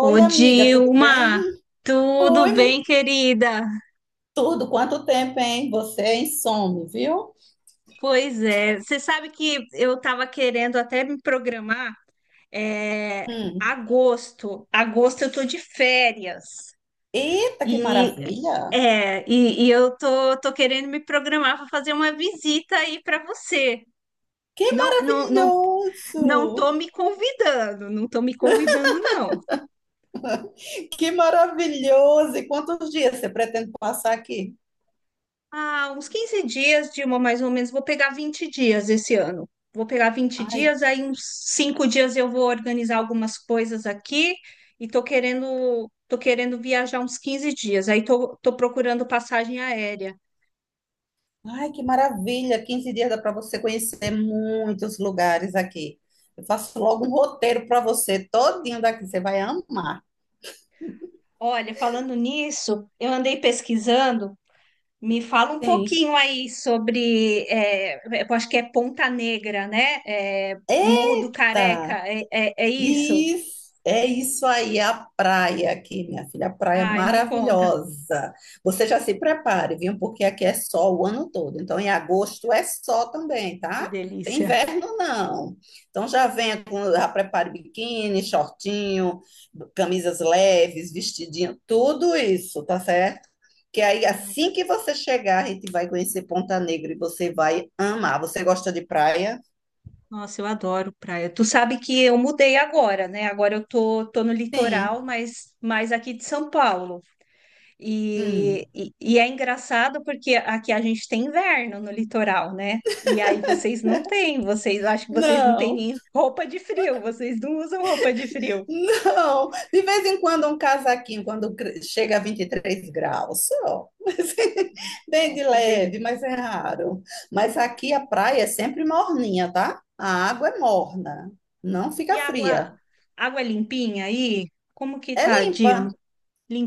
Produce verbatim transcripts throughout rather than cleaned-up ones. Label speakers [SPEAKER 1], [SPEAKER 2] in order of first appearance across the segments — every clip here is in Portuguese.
[SPEAKER 1] Ô,
[SPEAKER 2] amiga, tudo
[SPEAKER 1] Dilma,
[SPEAKER 2] bem?
[SPEAKER 1] tudo
[SPEAKER 2] Oi,
[SPEAKER 1] bem,
[SPEAKER 2] mu-
[SPEAKER 1] querida?
[SPEAKER 2] tudo. Quanto tempo, hein? Você é insome, viu?
[SPEAKER 1] Pois é, você sabe que eu estava querendo até me programar, é,
[SPEAKER 2] Hum.
[SPEAKER 1] agosto, agosto eu tô de férias
[SPEAKER 2] Eita, que
[SPEAKER 1] e
[SPEAKER 2] maravilha!
[SPEAKER 1] é, e, e eu tô, tô querendo me programar para fazer uma visita aí para você.
[SPEAKER 2] Que
[SPEAKER 1] Não, não, não, não tô
[SPEAKER 2] maravilhoso!
[SPEAKER 1] me convidando, não tô me convidando, não.
[SPEAKER 2] Que maravilhoso! E quantos dias você pretende passar aqui?
[SPEAKER 1] Ah, uns quinze dias, Dilma, mais ou menos. Vou pegar vinte dias esse ano. Vou pegar vinte
[SPEAKER 2] Ai,
[SPEAKER 1] dias, aí uns cinco dias eu vou organizar algumas coisas aqui e tô querendo, tô querendo viajar uns quinze dias. Aí tô, tô procurando passagem aérea.
[SPEAKER 2] ai, que maravilha! Quinze dias dá para você conhecer muitos lugares aqui. Eu faço logo um roteiro para você, todinho daqui, você vai amar.
[SPEAKER 1] Olha, falando nisso, eu andei pesquisando. Me fala um
[SPEAKER 2] Sim.
[SPEAKER 1] pouquinho aí sobre, é, eu acho que é Ponta Negra, né? É, Morro do Careca,
[SPEAKER 2] Eita!
[SPEAKER 1] é, é, é isso?
[SPEAKER 2] Isso, é isso aí, a praia aqui, minha filha, a praia é
[SPEAKER 1] Ai, me conta.
[SPEAKER 2] maravilhosa. Você já se prepare, viu? Porque aqui é sol o ano todo. Então, em agosto é sol também,
[SPEAKER 1] Que
[SPEAKER 2] tá? Tem
[SPEAKER 1] delícia.
[SPEAKER 2] inverno, não. Então, já venha com, já prepare biquíni, shortinho, camisas leves, vestidinho, tudo isso, tá certo? Que aí, assim que você chegar, a gente vai conhecer Ponta Negra e você vai amar. Você gosta de praia?
[SPEAKER 1] Nossa, eu adoro praia. Tu sabe que eu mudei agora, né? Agora eu tô, tô no litoral,
[SPEAKER 2] Sim.
[SPEAKER 1] mas mais aqui de São Paulo. E,
[SPEAKER 2] Hum.
[SPEAKER 1] e, e é engraçado porque aqui a gente tem inverno no litoral, né? E aí vocês não têm, vocês acho que vocês não têm
[SPEAKER 2] Não.
[SPEAKER 1] nem roupa de frio, vocês não usam roupa de frio.
[SPEAKER 2] Não, de vez em quando um casaquinho, quando cre- chega a vinte e três graus, só. Mas, bem
[SPEAKER 1] Não,
[SPEAKER 2] de
[SPEAKER 1] que
[SPEAKER 2] leve, mas
[SPEAKER 1] delícia.
[SPEAKER 2] é raro. Mas aqui a praia é sempre morninha, tá? A água é morna, não
[SPEAKER 1] E
[SPEAKER 2] fica fria.
[SPEAKER 1] água, água limpinha aí? Como que
[SPEAKER 2] É
[SPEAKER 1] tá, Dil?
[SPEAKER 2] limpa,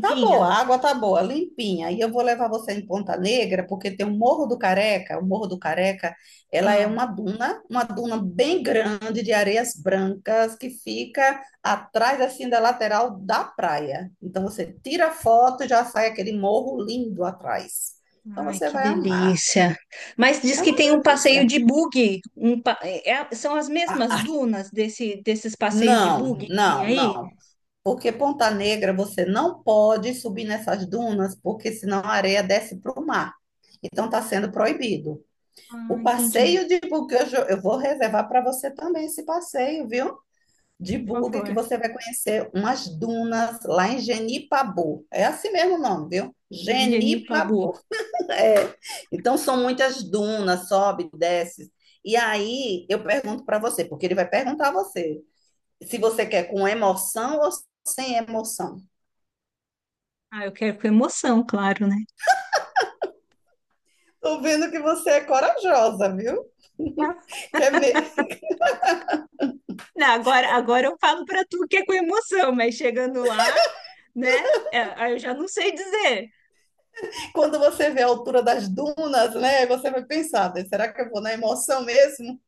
[SPEAKER 2] tá boa, a água tá boa, limpinha. E eu vou levar você em Ponta Negra, porque tem o Morro do Careca. O Morro do Careca, ela é
[SPEAKER 1] Ah.
[SPEAKER 2] uma duna, uma duna bem grande de areias brancas que fica atrás assim da lateral da praia. Então você tira a foto e já sai aquele morro lindo atrás. Então
[SPEAKER 1] Ai,
[SPEAKER 2] você
[SPEAKER 1] que
[SPEAKER 2] vai amar.
[SPEAKER 1] delícia. Mas diz
[SPEAKER 2] É
[SPEAKER 1] que
[SPEAKER 2] uma
[SPEAKER 1] tem um passeio
[SPEAKER 2] delícia.
[SPEAKER 1] de buggy. Um pa- é- são as mesmas
[SPEAKER 2] Ah,
[SPEAKER 1] dunas desse, desses passeios de
[SPEAKER 2] não,
[SPEAKER 1] buggy que tem
[SPEAKER 2] não,
[SPEAKER 1] aí?
[SPEAKER 2] não. Porque Ponta Negra você não pode subir nessas dunas, porque senão a areia desce para o mar. Então está sendo proibido.
[SPEAKER 1] Ah,
[SPEAKER 2] O
[SPEAKER 1] entendi.
[SPEAKER 2] passeio de buggy eu, jo- eu vou reservar para você também esse passeio, viu? De
[SPEAKER 1] Por
[SPEAKER 2] buggy que
[SPEAKER 1] favor.
[SPEAKER 2] você vai conhecer umas dunas lá em Genipabu. É assim mesmo o nome, viu?
[SPEAKER 1] Virginie Pabu.
[SPEAKER 2] Genipabu. É. Então são muitas dunas, sobe, desce. E aí eu pergunto para você, porque ele vai perguntar a você se você quer com emoção ou sem emoção.
[SPEAKER 1] Ah, eu quero com emoção, claro, né?
[SPEAKER 2] Tô vendo que você é corajosa, viu?
[SPEAKER 1] Ah,
[SPEAKER 2] Quer me-
[SPEAKER 1] Não, agora, agora eu falo para tu que é com emoção, mas chegando lá, né? É, aí eu já não sei dizer.
[SPEAKER 2] Quando você vê a altura das dunas, né? Você vai pensar, né, será que eu vou na emoção mesmo?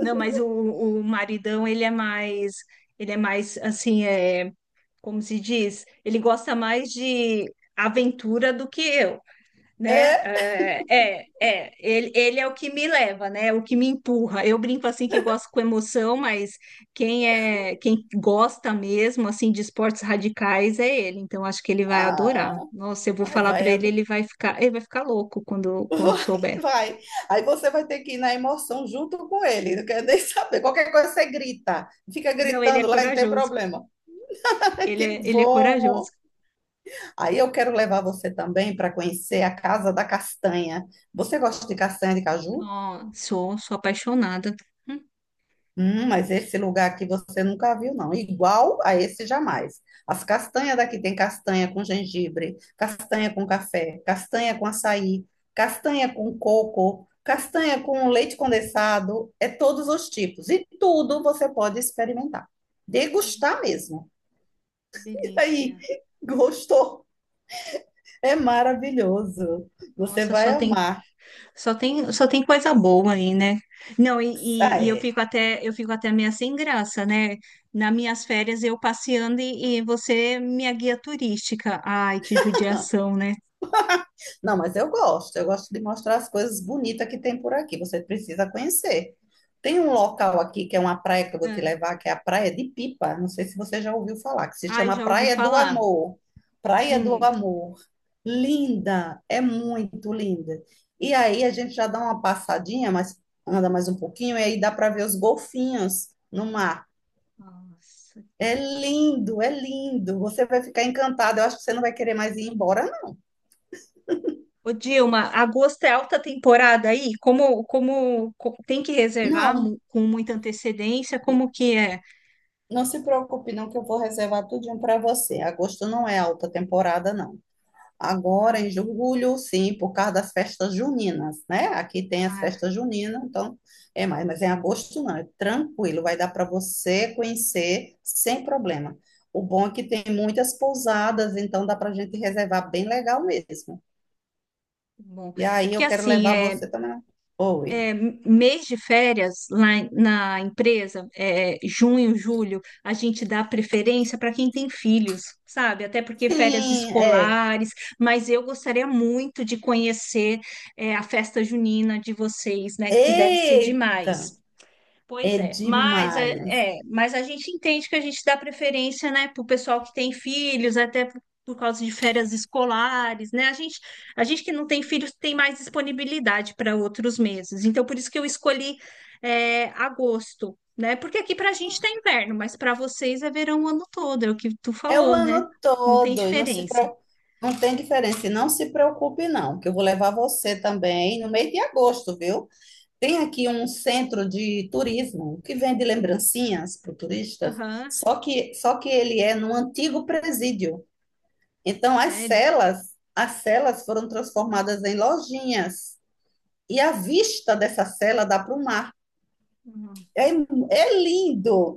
[SPEAKER 1] Não, mas o, o maridão, ele é mais, ele é mais assim, é. Como se diz, ele gosta mais de aventura do que eu, né?
[SPEAKER 2] É?
[SPEAKER 1] É, é, é, ele, ele é o que me leva, né? O que me empurra. Eu brinco assim que eu gosto com emoção, mas quem é, quem gosta mesmo assim de esportes radicais é ele. Então acho que ele vai adorar.
[SPEAKER 2] Ah,
[SPEAKER 1] Nossa, eu vou
[SPEAKER 2] aí
[SPEAKER 1] falar para
[SPEAKER 2] vai a
[SPEAKER 1] ele,
[SPEAKER 2] dor.
[SPEAKER 1] ele vai ficar, ele vai ficar louco quando quando
[SPEAKER 2] Vai,
[SPEAKER 1] souber.
[SPEAKER 2] vai. Aí você vai ter que ir na emoção junto com ele. Não quer nem saber. Qualquer coisa você grita. Fica
[SPEAKER 1] Não, ele é
[SPEAKER 2] gritando lá, não tem
[SPEAKER 1] corajoso.
[SPEAKER 2] problema.
[SPEAKER 1] Ele
[SPEAKER 2] Que
[SPEAKER 1] é, ele é corajoso.
[SPEAKER 2] bom! Aí eu quero levar você também para conhecer a Casa da Castanha. Você gosta de castanha de caju?
[SPEAKER 1] Nossa, sou, sou apaixonada. Hum,
[SPEAKER 2] Hum, mas esse lugar aqui você nunca viu, não. Igual a esse jamais. As castanhas daqui tem castanha com gengibre, castanha com café, castanha com açaí, castanha com coco, castanha com leite condensado, é todos os tipos. E tudo você pode experimentar. Degustar mesmo.
[SPEAKER 1] que
[SPEAKER 2] E aí,
[SPEAKER 1] delícia.
[SPEAKER 2] gostou? É maravilhoso. Você
[SPEAKER 1] Nossa,
[SPEAKER 2] vai
[SPEAKER 1] só tem
[SPEAKER 2] amar.
[SPEAKER 1] Só tem, só tem coisa boa aí, né? Não, e,
[SPEAKER 2] Ah,
[SPEAKER 1] e- e eu
[SPEAKER 2] é.
[SPEAKER 1] fico até, eu fico até meio sem graça, né? Nas minhas férias eu passeando e, e você minha guia turística. Ai, que judiação, né?
[SPEAKER 2] Não, mas eu gosto. Eu gosto de mostrar as coisas bonitas que tem por aqui. Você precisa conhecer. Tem um local aqui que é uma praia que eu vou te
[SPEAKER 1] Ah,
[SPEAKER 2] levar, que é a Praia de Pipa. Não sei se você já ouviu falar, que se
[SPEAKER 1] ai,
[SPEAKER 2] chama
[SPEAKER 1] já ouvi
[SPEAKER 2] Praia do
[SPEAKER 1] falar.
[SPEAKER 2] Amor. Praia do
[SPEAKER 1] Hum.
[SPEAKER 2] Amor. Linda, é muito linda. E aí a gente já dá uma passadinha, mas anda mais um pouquinho, e aí dá para ver os golfinhos no mar.
[SPEAKER 1] Nossa.
[SPEAKER 2] É lindo, é lindo. Você vai ficar encantado. Eu acho que você não vai querer mais ir embora,
[SPEAKER 1] Ô, Dilma, agosto é alta temporada aí? Como, como, co- tem que reservar
[SPEAKER 2] não.
[SPEAKER 1] mu- com muita antecedência? Como que é?
[SPEAKER 2] Não se preocupe, não, que eu vou reservar tudinho para você. Agosto não é alta temporada, não. Agora,
[SPEAKER 1] Ai,
[SPEAKER 2] em
[SPEAKER 1] que-
[SPEAKER 2] julho, sim, por causa das festas juninas, né? Aqui tem as
[SPEAKER 1] ai,
[SPEAKER 2] festas juninas, então é mais. Mas em agosto, não, é tranquilo, vai dar para você conhecer sem problema. O bom é que tem muitas pousadas, então dá para a gente reservar bem legal mesmo.
[SPEAKER 1] Bom.
[SPEAKER 2] E
[SPEAKER 1] É
[SPEAKER 2] aí
[SPEAKER 1] porque
[SPEAKER 2] eu quero
[SPEAKER 1] assim,
[SPEAKER 2] levar
[SPEAKER 1] é.
[SPEAKER 2] você também. Oi.
[SPEAKER 1] m- mês de férias lá em- na empresa, é, junho, julho, a gente dá preferência para quem tem filhos, sabe? Até porque férias
[SPEAKER 2] Sim, é.
[SPEAKER 1] escolares, mas eu gostaria muito de conhecer, é, a festa junina de vocês, né? Que deve ser
[SPEAKER 2] Eita,
[SPEAKER 1] demais.
[SPEAKER 2] é
[SPEAKER 1] Pois é, mas
[SPEAKER 2] demais.
[SPEAKER 1] é, é, mas a gente entende que a gente dá preferência, né, para o pessoal que tem filhos, até por, por causa de férias escolares, né? A gente, a gente que não tem filhos tem mais disponibilidade para outros meses. Então, por isso que eu escolhi é, agosto, né? Porque aqui para a gente tá inverno, mas para vocês é verão o ano todo, é o que tu
[SPEAKER 2] É o
[SPEAKER 1] falou, né?
[SPEAKER 2] ano
[SPEAKER 1] Não tem
[SPEAKER 2] todo, e não se
[SPEAKER 1] diferença.
[SPEAKER 2] pro... não tem diferença. E não se preocupe, não, que eu vou levar você também no mês de agosto, viu? Tem aqui um centro de turismo que vende lembrancinhas para turistas,
[SPEAKER 1] Aham,
[SPEAKER 2] só que, só que ele é num antigo presídio. Então, as
[SPEAKER 1] sério?
[SPEAKER 2] celas, as celas foram transformadas em lojinhas, e a vista dessa cela dá para o mar.
[SPEAKER 1] Hum.
[SPEAKER 2] É, é lindo!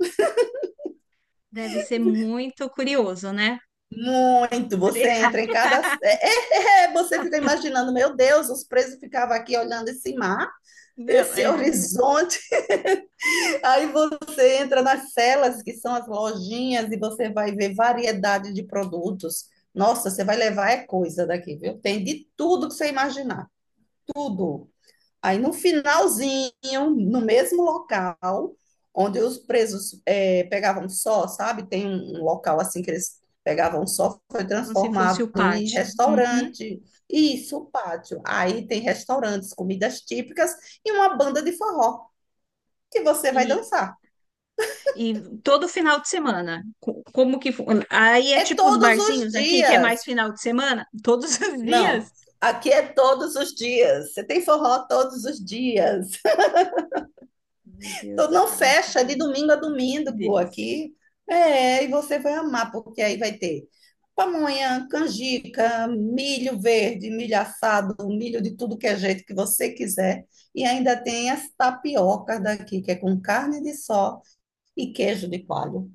[SPEAKER 1] Deve ser muito curioso, né?
[SPEAKER 2] Muito, você entra em cada. É, é, é, você fica imaginando, meu Deus, os presos ficavam aqui olhando esse mar,
[SPEAKER 1] Não,
[SPEAKER 2] esse
[SPEAKER 1] é.
[SPEAKER 2] horizonte. Aí você entra nas celas, que são as lojinhas, e você vai ver variedade de produtos. Nossa, você vai levar é coisa daqui, viu? Tem de tudo que você imaginar, tudo. Aí no finalzinho, no mesmo local, onde os presos eh, pegavam só, sabe? Tem um, um local assim que eles pegavam só, foi
[SPEAKER 1] Como se fosse
[SPEAKER 2] transformado
[SPEAKER 1] o
[SPEAKER 2] em
[SPEAKER 1] pátio. Uhum.
[SPEAKER 2] restaurante. Isso, o pátio. Aí tem restaurantes, comidas típicas e uma banda de forró que você vai
[SPEAKER 1] E,
[SPEAKER 2] dançar.
[SPEAKER 1] e todo final de semana, co- como que. fu- aí é
[SPEAKER 2] É
[SPEAKER 1] tipo os
[SPEAKER 2] todos os
[SPEAKER 1] barzinhos aqui, que é
[SPEAKER 2] dias.
[SPEAKER 1] mais final de semana, todos os dias.
[SPEAKER 2] Não, aqui é todos os dias. Você tem forró todos os dias.
[SPEAKER 1] Meu Deus,
[SPEAKER 2] Então, não
[SPEAKER 1] ai, que,
[SPEAKER 2] fecha de
[SPEAKER 1] deli-
[SPEAKER 2] domingo a
[SPEAKER 1] que que
[SPEAKER 2] domingo
[SPEAKER 1] delícia.
[SPEAKER 2] aqui. É, e você vai amar, porque aí vai ter pamonha, canjica, milho verde, milho assado, milho de tudo que é jeito que você quiser. E ainda tem as tapiocas daqui, que é com carne de sol e queijo de coalho.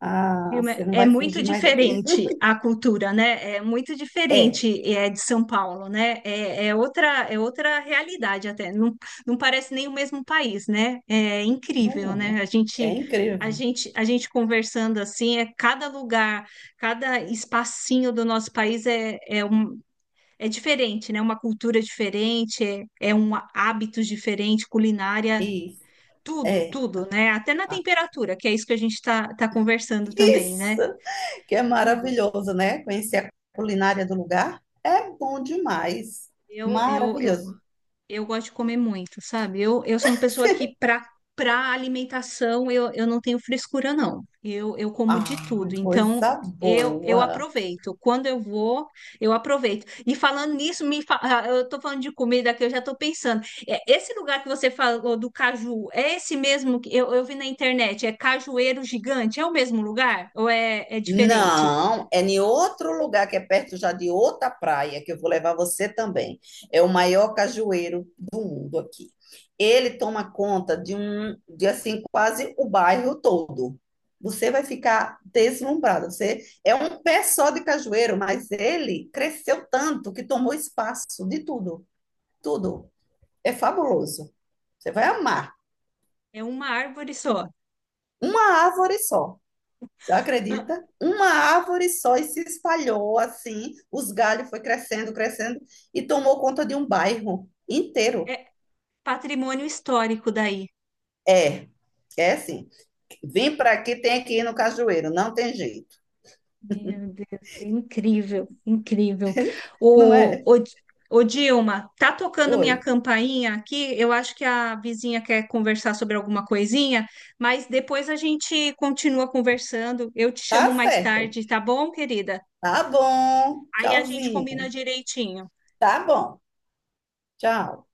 [SPEAKER 2] Ah,
[SPEAKER 1] Vilma,
[SPEAKER 2] você não
[SPEAKER 1] é
[SPEAKER 2] vai
[SPEAKER 1] muito
[SPEAKER 2] fugir mais daqui.
[SPEAKER 1] diferente a cultura, né? É muito
[SPEAKER 2] É,
[SPEAKER 1] diferente é, de São Paulo, né? É, é outra, é outra realidade até. Não, não parece nem o mesmo país, né? É
[SPEAKER 2] não
[SPEAKER 1] incrível,
[SPEAKER 2] é?
[SPEAKER 1] né?
[SPEAKER 2] Né?
[SPEAKER 1] A
[SPEAKER 2] É
[SPEAKER 1] gente, a
[SPEAKER 2] incrível.
[SPEAKER 1] gente, a gente conversando assim, é cada lugar, cada espacinho do nosso país é, é, um, é diferente, né? Uma cultura diferente, é, é um hábito diferente, culinária.
[SPEAKER 2] Isso,
[SPEAKER 1] Tudo,
[SPEAKER 2] é.
[SPEAKER 1] tudo, né? Até na
[SPEAKER 2] Ah,
[SPEAKER 1] temperatura, que é isso que a gente está tá tá conversando também,
[SPEAKER 2] isso!
[SPEAKER 1] né?
[SPEAKER 2] Que é
[SPEAKER 1] Tudo.
[SPEAKER 2] maravilhoso, né? Conhecer a culinária do lugar é bom demais.
[SPEAKER 1] Eu, eu, eu,
[SPEAKER 2] Maravilhoso.
[SPEAKER 1] eu gosto de comer muito, sabe? Eu, eu sou uma pessoa que, para para alimentação, eu, eu não tenho frescura, não. Eu, eu como
[SPEAKER 2] Ah,
[SPEAKER 1] de tudo. Então,
[SPEAKER 2] coisa
[SPEAKER 1] eu, eu
[SPEAKER 2] boa.
[SPEAKER 1] aproveito. Quando eu vou, eu aproveito. E falando nisso, me fa- ah, eu tô falando de comida que eu já tô pensando. É, esse lugar que você falou do caju, é esse mesmo que eu, eu vi na internet? É Cajueiro Gigante? É o mesmo lugar? Ou é, é diferente?
[SPEAKER 2] Não, é em outro lugar que é perto já de outra praia, que eu vou levar você também. É o maior cajueiro do mundo aqui. Ele toma conta de um, de assim, quase o bairro todo. Você vai ficar deslumbrado. Você é um pé só de cajueiro, mas ele cresceu tanto que tomou espaço de tudo. Tudo. É fabuloso. Você vai amar.
[SPEAKER 1] É uma árvore só.
[SPEAKER 2] Uma árvore só. Você acredita? Uma árvore só e se espalhou assim. Os galhos foi crescendo, crescendo e tomou conta de um bairro inteiro.
[SPEAKER 1] É patrimônio histórico daí.
[SPEAKER 2] É, é assim. Vim para aqui, tem que ir no cajueiro. Não tem jeito.
[SPEAKER 1] Meu Deus, é incrível, incrível.
[SPEAKER 2] Não
[SPEAKER 1] O,
[SPEAKER 2] é?
[SPEAKER 1] o, Ô, Dilma, tá tocando minha
[SPEAKER 2] Oi.
[SPEAKER 1] campainha aqui. Eu acho que a vizinha quer conversar sobre alguma coisinha, mas depois a gente continua conversando. Eu te
[SPEAKER 2] Tá
[SPEAKER 1] chamo mais
[SPEAKER 2] certo.
[SPEAKER 1] tarde, tá bom, querida?
[SPEAKER 2] Tá bom.
[SPEAKER 1] Aí a gente combina
[SPEAKER 2] Tchauzinho.
[SPEAKER 1] direitinho.
[SPEAKER 2] Tá bom. Tchau.